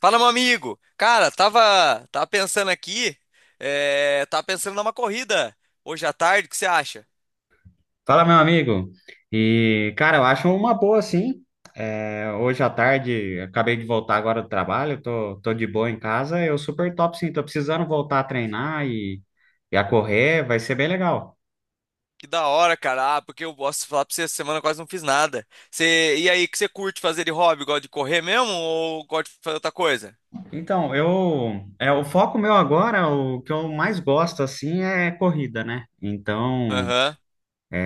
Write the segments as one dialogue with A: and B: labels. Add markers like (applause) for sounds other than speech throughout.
A: Fala, meu amigo. Cara, tava pensando aqui, tava pensando numa corrida hoje à tarde, o que você acha?
B: Fala, meu amigo. E, cara, eu acho uma boa, sim. É, hoje à tarde, acabei de voltar agora do trabalho, tô de boa em casa. Eu super top, sim. Tô precisando voltar a treinar e a correr, vai ser bem legal.
A: Que da hora, cara. Ah, porque eu posso falar pra você, essa semana eu quase não fiz nada. E aí, o que você curte fazer de hobby? Gosta de correr mesmo ou gosta de fazer outra coisa?
B: Então, o foco meu agora, o que eu mais gosto, assim, é corrida, né? Então,
A: Aham.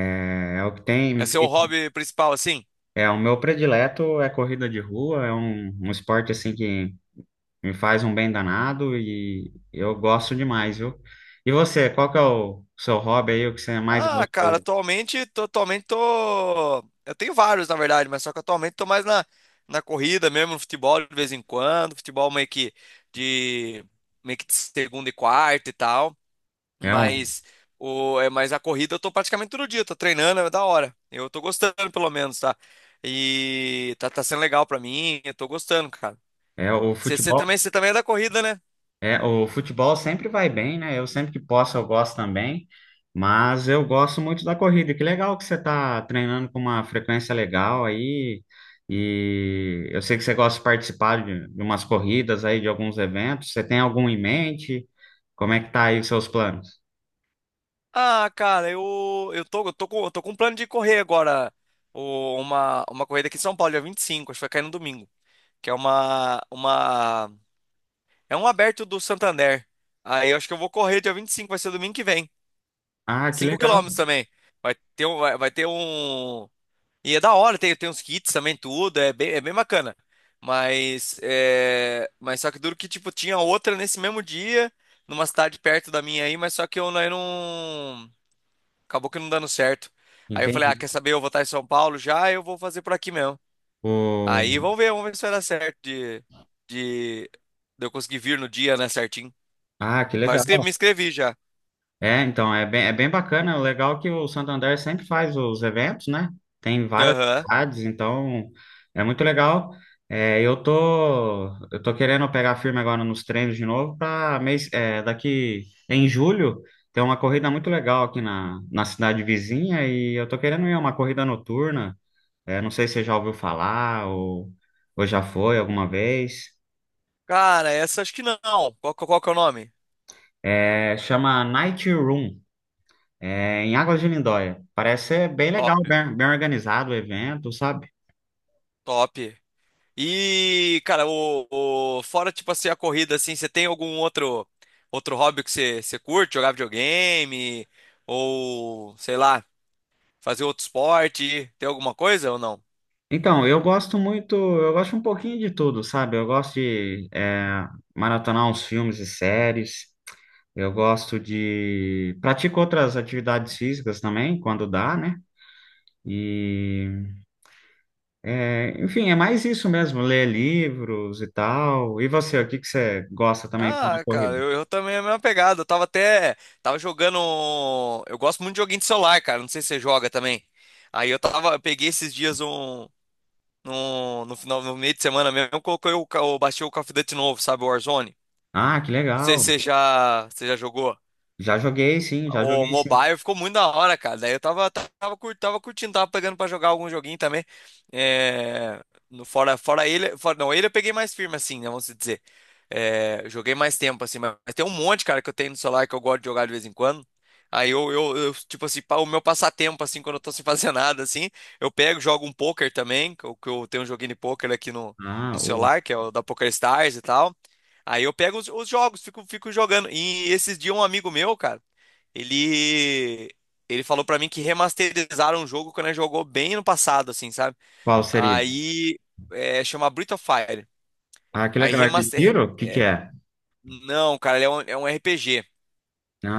B: é o que tem me
A: É seu
B: feito.
A: hobby principal, assim?
B: É, o meu predileto é corrida de rua, é um esporte, assim, que me faz um bem danado e eu gosto demais, viu? E você, qual que é o seu hobby aí, o que você mais gosta
A: Ah,
B: de
A: cara,
B: fazer?
A: atualmente tô. Eu tenho vários, na verdade, mas só que atualmente tô mais na corrida mesmo, no futebol de vez em quando. Futebol de, meio que de segunda e quarta e tal.
B: É, um,
A: Mas, mas a corrida eu tô praticamente todo dia, tô treinando, é da hora. Eu tô gostando, pelo menos, tá? E tá sendo legal pra mim, eu tô gostando, cara.
B: é o
A: Você
B: futebol?
A: também, você também é da corrida, né?
B: É, o futebol sempre vai bem, né? Eu sempre que posso eu gosto também, mas eu gosto muito da corrida. Que legal que você tá treinando com uma frequência legal aí. E eu sei que você gosta de participar de umas corridas aí, de alguns eventos. Você tem algum em mente? Como é que tá aí os seus planos?
A: Ah, cara, eu tô com um plano de correr agora. Uma corrida aqui em São Paulo, dia 25 acho que vai cair no domingo. Que é um aberto do Santander. Aí eu acho que eu vou correr dia 25 vai ser domingo que vem.
B: Ah, que
A: cinco
B: legal.
A: quilômetros também. Vai ter um. E é da hora, tem uns kits também, tudo, é bem bacana. Mas só que duro que, tipo, tinha outra nesse mesmo dia, numa cidade perto da minha aí, mas só que eu não acabou que não dando certo. Aí eu falei, ah,
B: Entendi.
A: quer saber? Eu vou estar em São Paulo já, eu vou fazer por aqui mesmo. Aí
B: O...
A: vamos ver se vai dar certo de, de eu conseguir vir no dia, né, certinho.
B: Ah, que
A: Mas
B: legal.
A: me inscrevi já.
B: É, então, é bem bacana. O legal é que o Santander sempre faz os eventos, né? Tem várias
A: Aham.
B: cidades, então é muito legal. É, eu tô querendo pegar firme agora nos treinos de novo para mês, daqui em julho tem uma corrida muito legal aqui na cidade vizinha e eu tô querendo ir a uma corrida noturna. É, não sei se você já ouviu falar ou já foi alguma vez.
A: Cara, essa acho que não. Qual que é o nome?
B: É, chama Night Run. Em Águas de Lindóia. Parece ser bem
A: Top,
B: legal, bem, bem organizado o evento, sabe?
A: top. E, cara, fora, tipo assim, a corrida, assim, você tem algum outro hobby que você curte? Jogar videogame? Ou, sei lá, fazer outro esporte? Tem alguma coisa ou não?
B: Então, eu gosto muito, eu gosto um pouquinho de tudo, sabe? Eu gosto de maratonar uns filmes e séries, Pratico outras atividades físicas também, quando dá, né? E, enfim, é mais isso mesmo, ler livros e tal. E você, o que que você gosta também fora da
A: Ah, cara,
B: corrida?
A: eu também é a mesma pegada. Eu tava até. Tava jogando. Eu gosto muito de joguinho de celular, cara. Não sei se você joga também. Aí eu tava. Eu peguei esses dias um. No final, no meio de semana mesmo, eu baixei o Call of Duty novo, sabe? O Warzone.
B: Ah, que
A: Não sei se
B: legal!
A: você já jogou.
B: Já joguei, sim, já
A: O
B: joguei, sim.
A: mobile ficou muito da hora, cara. Daí eu tava curtindo, tava pegando pra jogar algum joguinho também. É, no, fora, fora ele, fora, não, ele eu peguei mais firme, assim, né, vamos dizer. Joguei mais tempo, assim, mas tem um monte, cara, que eu tenho no celular que eu gosto de jogar de vez em quando. Aí, tipo assim, o meu passatempo, assim, quando eu tô sem fazer (laughs) nada, assim, eu pego, jogo um poker também, que eu tenho um joguinho de poker aqui no,
B: Ah,
A: celular, que é o da Poker Stars e tal. Aí eu pego os jogos, fico jogando. E esses dias um amigo meu, cara. Ele ele falou pra mim que remasterizaram o jogo quando ele jogou bem no passado, assim, sabe?
B: qual seria?
A: Aí, chama Breath of Fire.
B: Ah, que
A: Aí
B: legal. É de
A: remaster.
B: tiro? O que que é?
A: Não, cara, ele é um, RPG.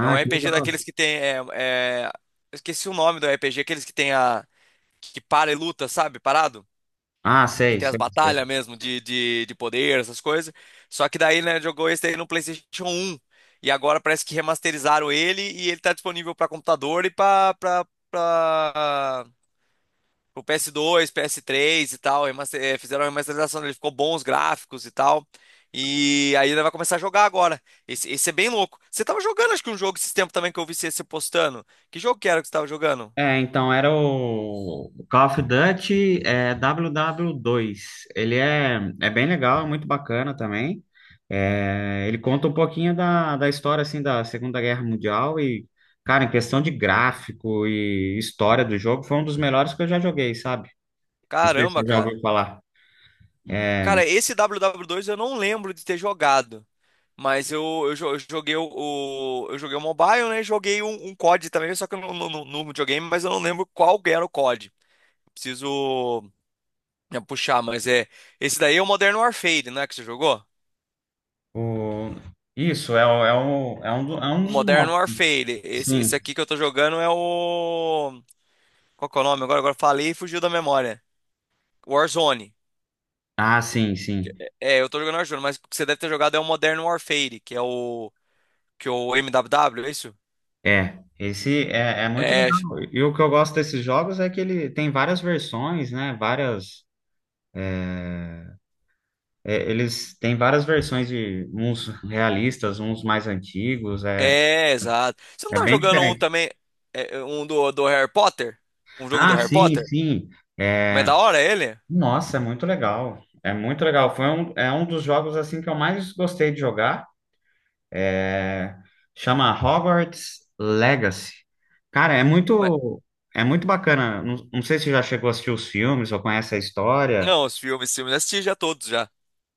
A: É um
B: que
A: RPG daqueles
B: legal.
A: que tem. Eu esqueci o nome do RPG, aqueles que tem a. Que para e luta, sabe? Parado?
B: Ah,
A: Que
B: sei,
A: tem as
B: sei, sei.
A: batalhas mesmo de, poder, essas coisas. Só que daí, né, jogou esse aí no PlayStation 1. E agora parece que remasterizaram ele e ele tá disponível pra computador e pra, pra, pra pro PS2, PS3 e tal, fizeram a remasterização dele, ficou bons gráficos e tal. E aí ele vai começar a jogar agora. Esse é bem louco. Você tava jogando, acho que um jogo esses tempos também que eu vi você postando. Que jogo que era que você tava jogando?
B: É, então era o Call of Duty WW2. Ele é bem legal, é muito bacana também. É, ele conta um pouquinho da história assim da Segunda Guerra Mundial e, cara, em questão de gráfico e história do jogo, foi um dos melhores que eu já joguei, sabe? Não sei se
A: Caramba,
B: você já ouviu
A: cara.
B: falar. É,
A: Cara, esse WW2 eu não lembro de ter jogado. Mas eu joguei o mobile, né? E joguei um COD também, só que eu não no videogame, mas eu não lembro qual era o COD. Preciso né, puxar, mas é. Esse daí é o Modern Warfare, não é que você jogou?
B: o, isso. é, o- é, o, é, um, do- é um
A: O
B: dos
A: Modern
B: novos.
A: Warfare. Esse
B: Sim.
A: aqui que eu tô jogando é o. Qual que é o nome? Agora falei e fugiu da memória. Warzone.
B: Ah, sim, sim.
A: É, eu tô jogando Warzone, mas o que você deve ter jogado é o Modern Warfare, que é o. Que é o MWW, é isso?
B: É, esse é muito
A: É.
B: legal. E o que eu gosto desses jogos é que ele tem várias versões, né? Várias, eles têm várias versões de uns realistas, uns mais antigos. É,
A: É, exato. Você não
B: é
A: tá
B: bem
A: jogando um
B: diferente.
A: também. Um do Harry Potter? Um jogo do
B: Ah,
A: Harry
B: sim,
A: Potter?
B: sim.
A: Mas é
B: É,
A: da hora ele?
B: nossa, é muito legal. É muito legal. É um dos jogos assim que eu mais gostei de jogar. É, Chama Hogwarts Legacy. Cara, é
A: Mas-
B: muito, é muito bacana. Não, não sei se você já chegou a assistir os filmes ou conhece a história.
A: não, os filmes eu assisti já todos já.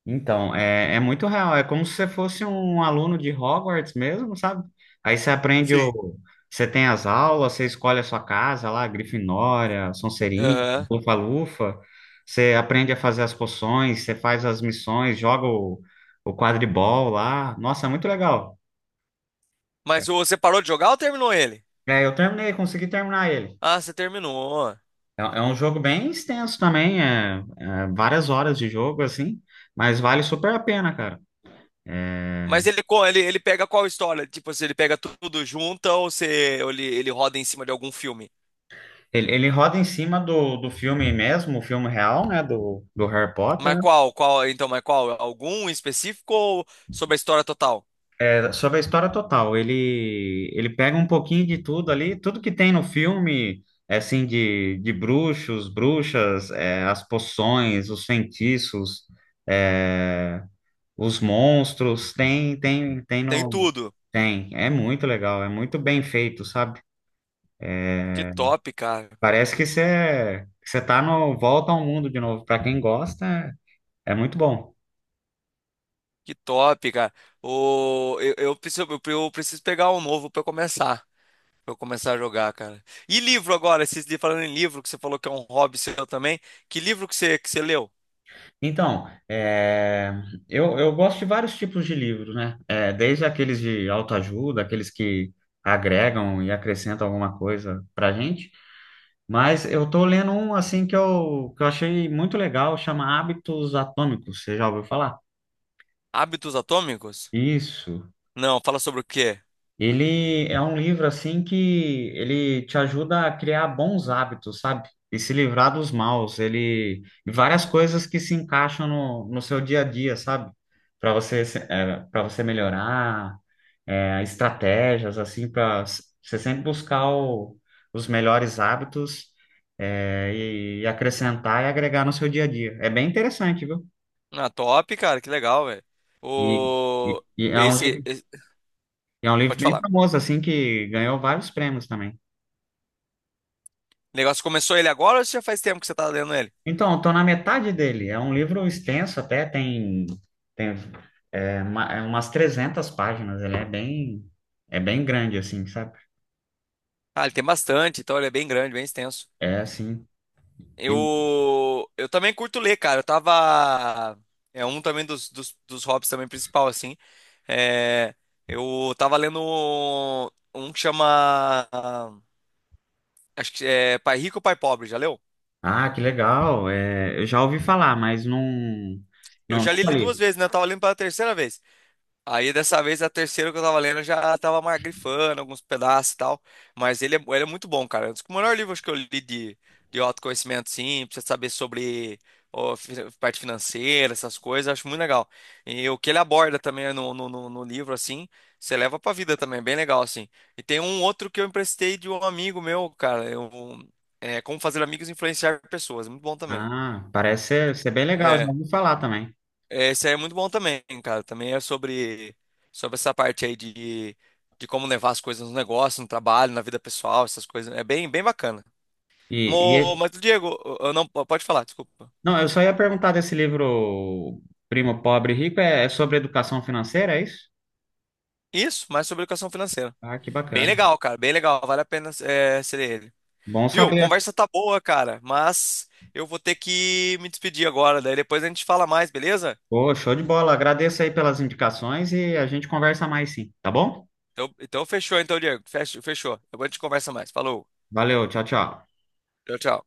B: Então, é muito real. É como se você fosse um aluno de Hogwarts mesmo, sabe? Aí você aprende
A: Sim.
B: o. Você tem as aulas, você escolhe a sua casa lá, Grifinória, Sonserina,
A: Aham.
B: Lufa-Lufa. Você aprende a fazer as poções, você faz as missões, joga o quadribol lá. Nossa, é muito legal.
A: Mas você parou de jogar ou terminou ele?
B: Eu terminei, consegui terminar ele.
A: Ah, você terminou.
B: É um jogo bem extenso também, é várias horas de jogo, assim, mas vale super a pena, cara. É,
A: Mas ele pega qual história? Tipo, se ele pega tudo junto ou se ele roda em cima de algum filme?
B: ele roda em cima do filme mesmo, o filme real, né, do Harry Potter,
A: Mas
B: né?
A: qual? Qual? Então, mas qual? Algum em específico ou sobre a história total?
B: É sobre a história total. Ele pega um pouquinho de tudo ali, tudo que tem no filme, assim, de bruxos, bruxas, as poções, os feitiços, é, os monstros, tem, tem, tem
A: Tem
B: no...
A: tudo.
B: Tem, é muito legal, é muito bem feito, sabe?
A: Que top, cara.
B: Parece que você tá no Volta ao Mundo de novo. Para quem gosta, é muito bom.
A: Que top, cara. Eu preciso pegar um novo pra eu começar. Pra eu começar a jogar, cara. E livro agora? Falando em livro, que você falou que é um hobby seu também. Que livro que você leu?
B: Então, eu gosto de vários tipos de livros, né? É, desde aqueles de autoajuda, aqueles que agregam e acrescentam alguma coisa pra gente. Mas eu tô lendo um, assim, que eu achei muito legal, chama Hábitos Atômicos. Você já ouviu falar?
A: Hábitos Atômicos?
B: Isso.
A: Não, fala sobre o quê?
B: Ele é um livro assim que ele te ajuda a criar bons hábitos, sabe? E se livrar dos maus. Ele e várias coisas que se encaixam no seu dia a dia, sabe? Para você para você melhorar, estratégias assim para você sempre buscar os melhores hábitos e acrescentar e agregar no seu dia a dia. É bem interessante, viu?
A: Na top, cara, que legal, velho.
B: E, e,
A: O...
B: e
A: Esse, esse-
B: é um livro
A: Pode
B: bem
A: falar.
B: famoso assim que ganhou vários prêmios também.
A: O negócio começou ele agora ou já faz tempo que você tá lendo ele?
B: Então, estou na metade dele. É um livro extenso até, tem umas 300 páginas. Ele é bem grande, assim, sabe?
A: Ah, ele tem bastante, então ele é bem grande, bem extenso.
B: É, assim.
A: Eu,
B: E-
A: eu também curto ler, cara. Eu tava. É um também dos hobbies também principal, assim. É, Eu tava lendo um que chama. Acho que é Pai Rico, Pai Pobre, já leu?
B: ah, que legal. É, eu já ouvi falar, mas não,
A: Eu
B: não,
A: já li
B: nunca
A: ele duas
B: li.
A: vezes, né? Eu tava lendo pela terceira vez. Aí dessa vez a terceira que eu tava lendo eu já tava mais grifando alguns pedaços e tal. Mas ele é muito bom, cara. É um dos melhores livros que eu li de, autoconhecimento, sim, pra você saber sobre parte financeira, essas coisas, eu acho muito legal. E o que ele aborda também no livro, assim, você leva pra vida também, bem legal, assim. E tem um outro que eu emprestei de um amigo meu, cara. Como Fazer Amigos e Influenciar Pessoas, muito bom também.
B: Ah, parece ser, bem legal. Já
A: É,
B: ouvi falar também.
A: Esse aí é muito bom também, cara. Também é sobre essa parte aí de como levar as coisas no negócio, no trabalho, na vida pessoal, essas coisas. É bem, bem bacana.
B: E,
A: Mo,
B: e-
A: mas, Diego, eu não, pode falar, desculpa.
B: não, eu só ia perguntar desse livro Primo Pobre e Rico. É sobre educação financeira, é isso?
A: Isso, mas sobre educação financeira.
B: Ah, que
A: Bem
B: bacana.
A: legal, cara. Bem legal. Vale a pena ser ele.
B: Bom
A: Viu?
B: saber.
A: Conversa tá boa, cara. Mas eu vou ter que me despedir agora. Daí depois a gente fala mais, beleza?
B: Pô, show de bola. Agradeço aí pelas indicações e a gente conversa mais sim, tá bom?
A: Então fechou, então, Diego. Fechou. Depois a gente conversa mais. Falou.
B: Valeu, tchau, tchau.
A: Tchau, tchau.